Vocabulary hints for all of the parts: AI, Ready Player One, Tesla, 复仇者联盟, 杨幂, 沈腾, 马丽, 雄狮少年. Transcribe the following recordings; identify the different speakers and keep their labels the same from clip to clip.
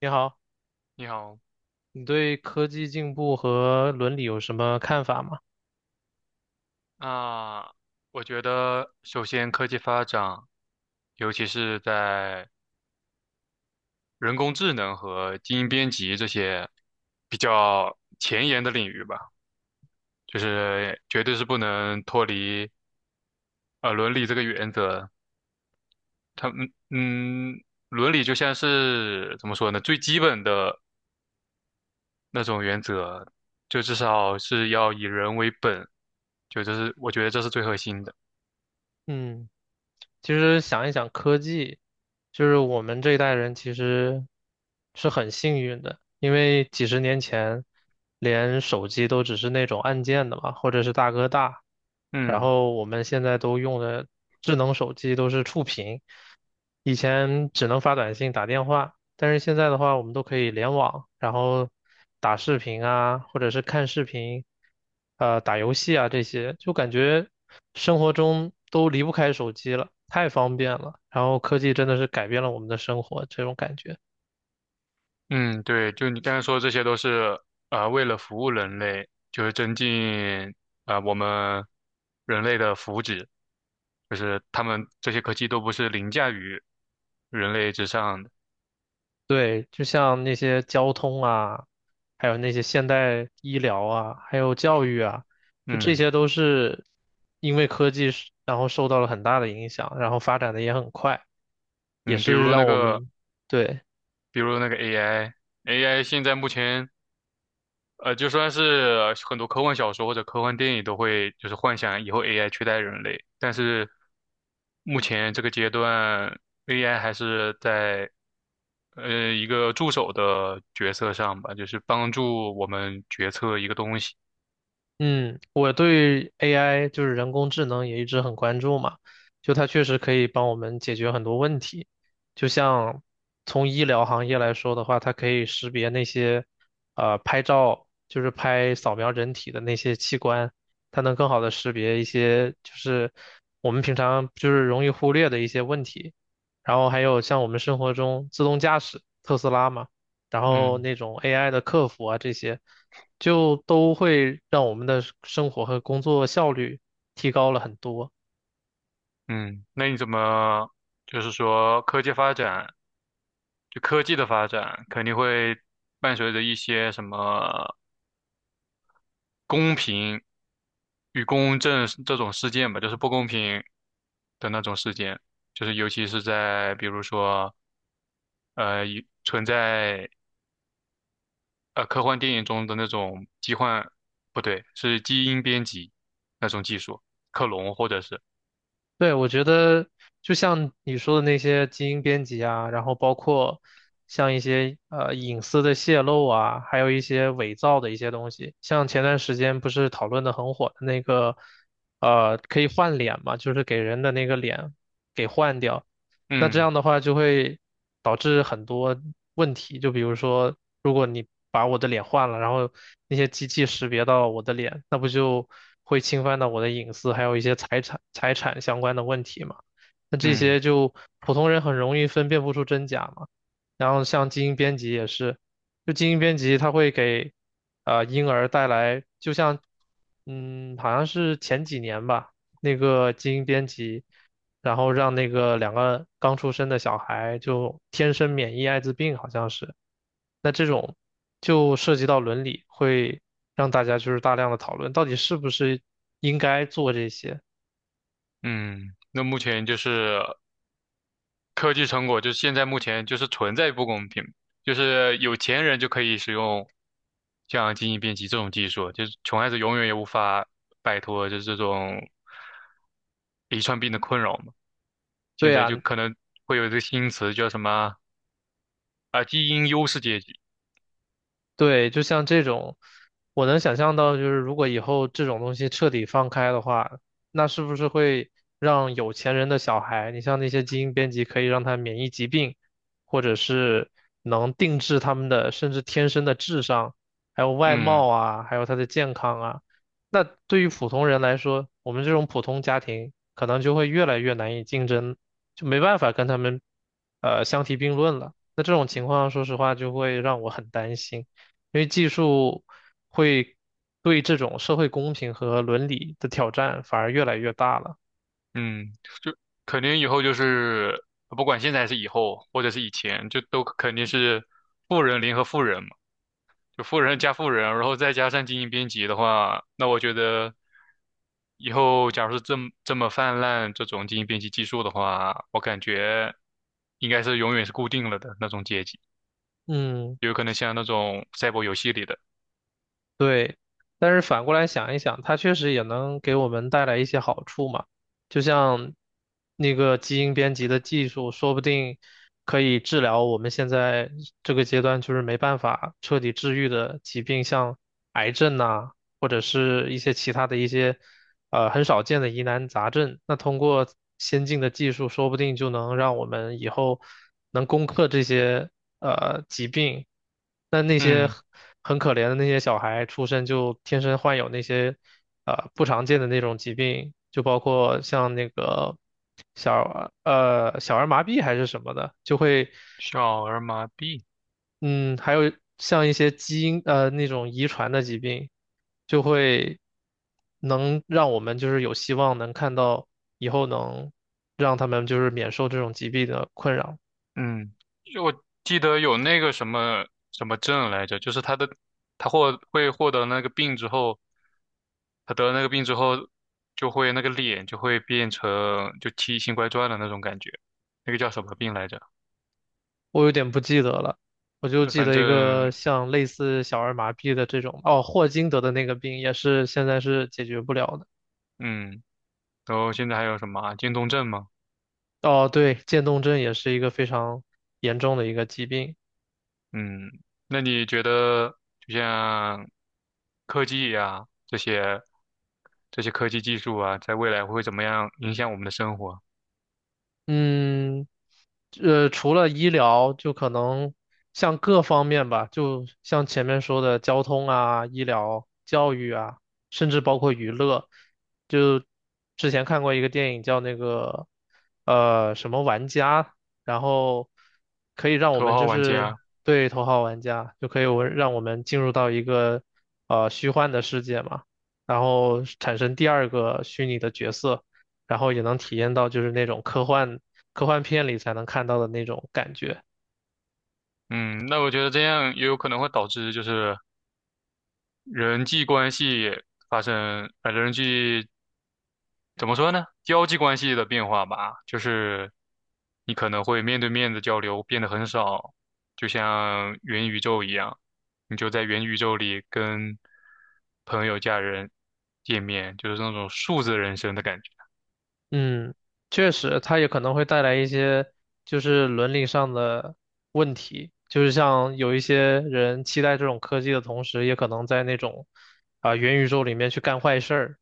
Speaker 1: 你好，
Speaker 2: 你好，
Speaker 1: 你对科技进步和伦理有什么看法吗？
Speaker 2: 那我觉得首先科技发展，尤其是在人工智能和基因编辑这些比较前沿的领域吧，就是绝对是不能脱离伦理这个原则。他们嗯，伦理就像是怎么说呢，最基本的那种原则，就至少是要以人为本，这是我觉得这是最核心的。
Speaker 1: 嗯，其实想一想，科技就是我们这一代人其实是很幸运的，因为几十年前连手机都只是那种按键的嘛，或者是大哥大，然
Speaker 2: 嗯。
Speaker 1: 后我们现在都用的智能手机都是触屏，以前只能发短信、打电话。但是现在的话，我们都可以联网，然后打视频啊，或者是看视频，打游戏啊这些，就感觉生活中都离不开手机了，太方便了。然后科技真的是改变了我们的生活，这种感觉。
Speaker 2: 嗯，对，就你刚才说，这些都是为了服务人类，就是增进我们人类的福祉，就是他们这些科技都不是凌驾于人类之上的。
Speaker 1: 对，就像那些交通啊，还有那些现代医疗啊，还有教育啊，就这
Speaker 2: 嗯
Speaker 1: 些都是因为科技是，然后受到了很大的影响，然后发展的也很快，也
Speaker 2: 嗯，比
Speaker 1: 是
Speaker 2: 如那
Speaker 1: 让我
Speaker 2: 个，
Speaker 1: 们，对。
Speaker 2: 比如那个 AI，AI 现在目前就算是很多科幻小说或者科幻电影都会就是幻想以后 AI 取代人类，但是目前这个阶段，AI 还是在一个助手的角色上吧，就是帮助我们决策一个东西。
Speaker 1: 嗯，我对 AI 就是人工智能也一直很关注嘛，就它确实可以帮我们解决很多问题。就像从医疗行业来说的话，它可以识别那些拍照，就是拍扫描人体的那些器官，它能更好的识别一些就是我们平常就是容易忽略的一些问题。然后还有像我们生活中自动驾驶，特斯拉嘛，然后
Speaker 2: 嗯
Speaker 1: 那种 AI 的客服啊这些。就都会让我们的生活和工作效率提高了很多。
Speaker 2: 嗯，那你怎么就是说科技发展，就科技的发展肯定会伴随着一些什么公平与公正这种事件吧，就是不公平的那种事件，就是尤其是在比如说呃一存在呃科幻电影中的那种疾患，不对，是基因编辑那种技术，克隆或者是
Speaker 1: 对，我觉得就像你说的那些基因编辑啊，然后包括像一些隐私的泄露啊，还有一些伪造的一些东西，像前段时间不是讨论的很火的那个可以换脸嘛，就是给人的那个脸给换掉。那这
Speaker 2: 嗯
Speaker 1: 样的话就会导致很多问题，就比如说，如果你把我的脸换了，然后那些机器识别到我的脸，那不就会侵犯到我的隐私，还有一些财产相关的问题嘛？那这
Speaker 2: 嗯
Speaker 1: 些就普通人很容易分辨不出真假嘛。然后像基因编辑也是，就基因编辑它会给婴儿带来，就像好像是前几年吧，那个基因编辑。然后让那个两个刚出生的小孩就天生免疫艾滋病，好像是。那这种就涉及到伦理，会让大家就是大量的讨论，到底是不是应该做这些？
Speaker 2: 嗯，那目前就是科技成果就是现在目前就是存在不公平，就是有钱人就可以使用像基因编辑这种技术，就是穷孩子永远也无法摆脱就是这种遗传病的困扰嘛。现
Speaker 1: 对
Speaker 2: 在
Speaker 1: 啊，
Speaker 2: 就可能会有一个新词叫什么啊，基因优势阶级。
Speaker 1: 对，就像这种，我能想象到，就是如果以后这种东西彻底放开的话，那是不是会让有钱人的小孩，你像那些基因编辑，可以让他免疫疾病，或者是能定制他们的，甚至天生的智商，还有外
Speaker 2: 嗯
Speaker 1: 貌啊，还有他的健康啊。那对于普通人来说，我们这种普通家庭可能就会越来越难以竞争，就没办法跟他们，相提并论了。那这种情况，说实话，就会让我很担心。因为技术会对这种社会公平和伦理的挑战反而越来越大了。
Speaker 2: 嗯，就肯定以后就是不管现在还是以后，或者是以前，就都肯定是富人联合富人嘛。就富人加富人，然后再加上精英编辑的话，那我觉得以后假如是这么泛滥这种精英编辑技术的话，我感觉应该是永远是固定了的那种阶级，
Speaker 1: 嗯，
Speaker 2: 有可能像那种赛博游戏里的，
Speaker 1: 对。但是反过来想一想，它确实也能给我们带来一些好处嘛。就像那个基因编辑的技术，说不定可以治疗我们现在这个阶段就是没办法彻底治愈的疾病，像癌症呐、或者是一些其他的一些很少见的疑难杂症。那通过先进的技术，说不定就能让我们以后能攻克这些疾病。那那些
Speaker 2: 嗯，
Speaker 1: 很可怜的那些小孩，出生就天生患有那些不常见的那种疾病，就包括像那个小儿麻痹还是什么的，就会。
Speaker 2: 小儿麻痹，
Speaker 1: 嗯，还有像一些基因那种遗传的疾病，就会能让我们就是有希望能看到以后能让他们就是免受这种疾病的困扰。
Speaker 2: 嗯，就我记得有那个什么症来着，就是他的他获会获得那个病之后，他得了那个病之后，就会那个脸就会变成就奇形怪状的那种感觉，那个叫什么病来着？
Speaker 1: 我有点不记得了，我就
Speaker 2: 那
Speaker 1: 记
Speaker 2: 反
Speaker 1: 得
Speaker 2: 正
Speaker 1: 一个像类似小儿麻痹的这种，哦，霍金得的那个病也是现在是解决不了的。
Speaker 2: 嗯，然后现在还有什么啊渐冻症嘛，
Speaker 1: 哦，对，渐冻症也是一个非常严重的一个疾病。
Speaker 2: 嗯，那你觉得就像科技呀、这些科技技术啊，在未来会怎么样影响我们的生活？
Speaker 1: 嗯，除了医疗，就可能像各方面吧，就像前面说的交通啊、医疗、教育啊，甚至包括娱乐。就之前看过一个电影叫那个什么玩家，然后可以让我
Speaker 2: 头
Speaker 1: 们
Speaker 2: 号
Speaker 1: 就
Speaker 2: 玩
Speaker 1: 是，
Speaker 2: 家，
Speaker 1: 对，头号玩家，就可以我让我们进入到一个虚幻的世界嘛，然后产生第二个虚拟的角色。然后也能体验到就是那种科幻片里才能看到的那种感觉。
Speaker 2: 嗯，那我觉得这样也有可能会导致就是。人际关系发生，人际怎么说呢？交际关系的变化吧，就是你可能会面对面的交流变得很少，就像元宇宙一样，你就在元宇宙里跟朋友、家人见面，就是那种数字人生的感觉。
Speaker 1: 嗯，确实，它也可能会带来一些就是伦理上的问题，就是像有一些人期待这种科技的同时，也可能在那种啊、元宇宙里面去干坏事儿，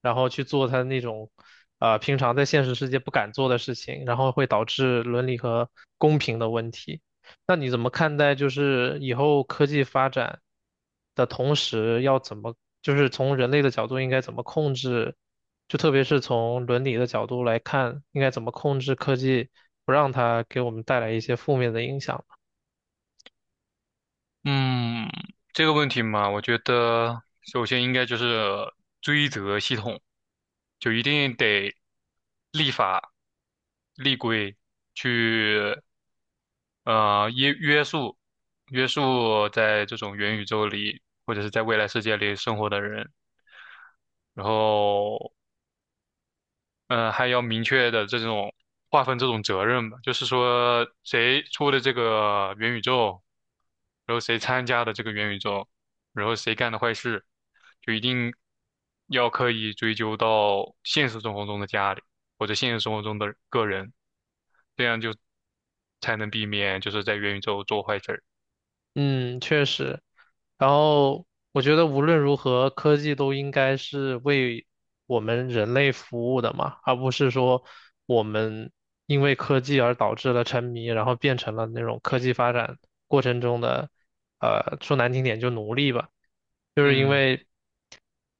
Speaker 1: 然后去做他那种啊、平常在现实世界不敢做的事情，然后会导致伦理和公平的问题。那你怎么看待就是以后科技发展的同时，要怎么就是从人类的角度应该怎么控制？就特别是从伦理的角度来看，应该怎么控制科技，不让它给我们带来一些负面的影响。
Speaker 2: 嗯，这个问题嘛，我觉得首先应该就是追责系统，就一定得立法、立规去呃约约束约束在这种元宇宙里或者是在未来世界里生活的人，然后嗯，还要明确的这种划分这种责任吧，就是说谁出的这个元宇宙，然后谁参加的这个元宇宙，然后谁干的坏事，就一定要刻意追究到现实生活中的家里或者现实生活中的个人，这样就才能避免就是在元宇宙做坏事儿。
Speaker 1: 嗯，确实。然后我觉得无论如何，科技都应该是为我们人类服务的嘛，而不是说我们因为科技而导致了沉迷，然后变成了那种科技发展过程中的，说难听点就奴隶吧。
Speaker 2: 嗯，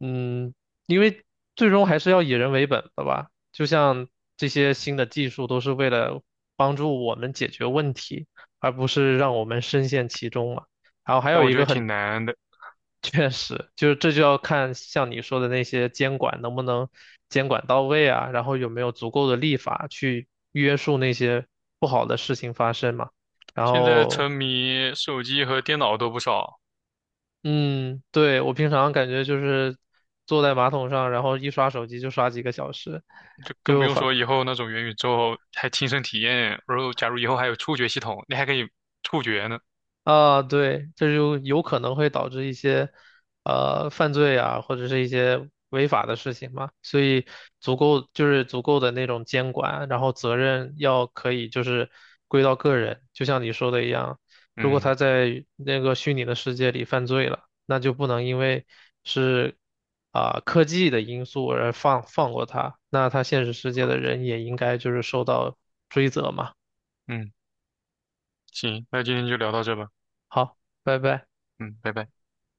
Speaker 1: 嗯，因为最终还是要以人为本的吧。就像这些新的技术都是为了帮助我们解决问题，而不是让我们深陷其中嘛。然后还
Speaker 2: 但
Speaker 1: 有
Speaker 2: 我
Speaker 1: 一
Speaker 2: 觉
Speaker 1: 个
Speaker 2: 得
Speaker 1: 很
Speaker 2: 挺难的，
Speaker 1: 确实，就是这就要看像你说的那些监管能不能监管到位啊，然后有没有足够的立法去约束那些不好的事情发生嘛。然
Speaker 2: 现在
Speaker 1: 后
Speaker 2: 沉迷手机和电脑都不少。
Speaker 1: 嗯，对，我平常感觉就是坐在马桶上，然后一刷手机就刷几个小时，
Speaker 2: 就更不
Speaker 1: 就
Speaker 2: 用
Speaker 1: 反
Speaker 2: 说以后那种元宇宙还亲身体验，然后假如以后还有触觉系统，你还可以触觉呢。
Speaker 1: 啊，对，这就有可能会导致一些犯罪啊，或者是一些违法的事情嘛，所以足够的那种监管，然后责任要可以就是归到个人，就像你说的一样，如果
Speaker 2: 嗯
Speaker 1: 他在那个虚拟的世界里犯罪了，那就不能因为是啊、科技的因素而放过他，那他现实世界的人也应该就是受到追责嘛。
Speaker 2: 嗯，行，那今天就聊到这吧。
Speaker 1: 好，拜拜。
Speaker 2: 嗯，拜拜。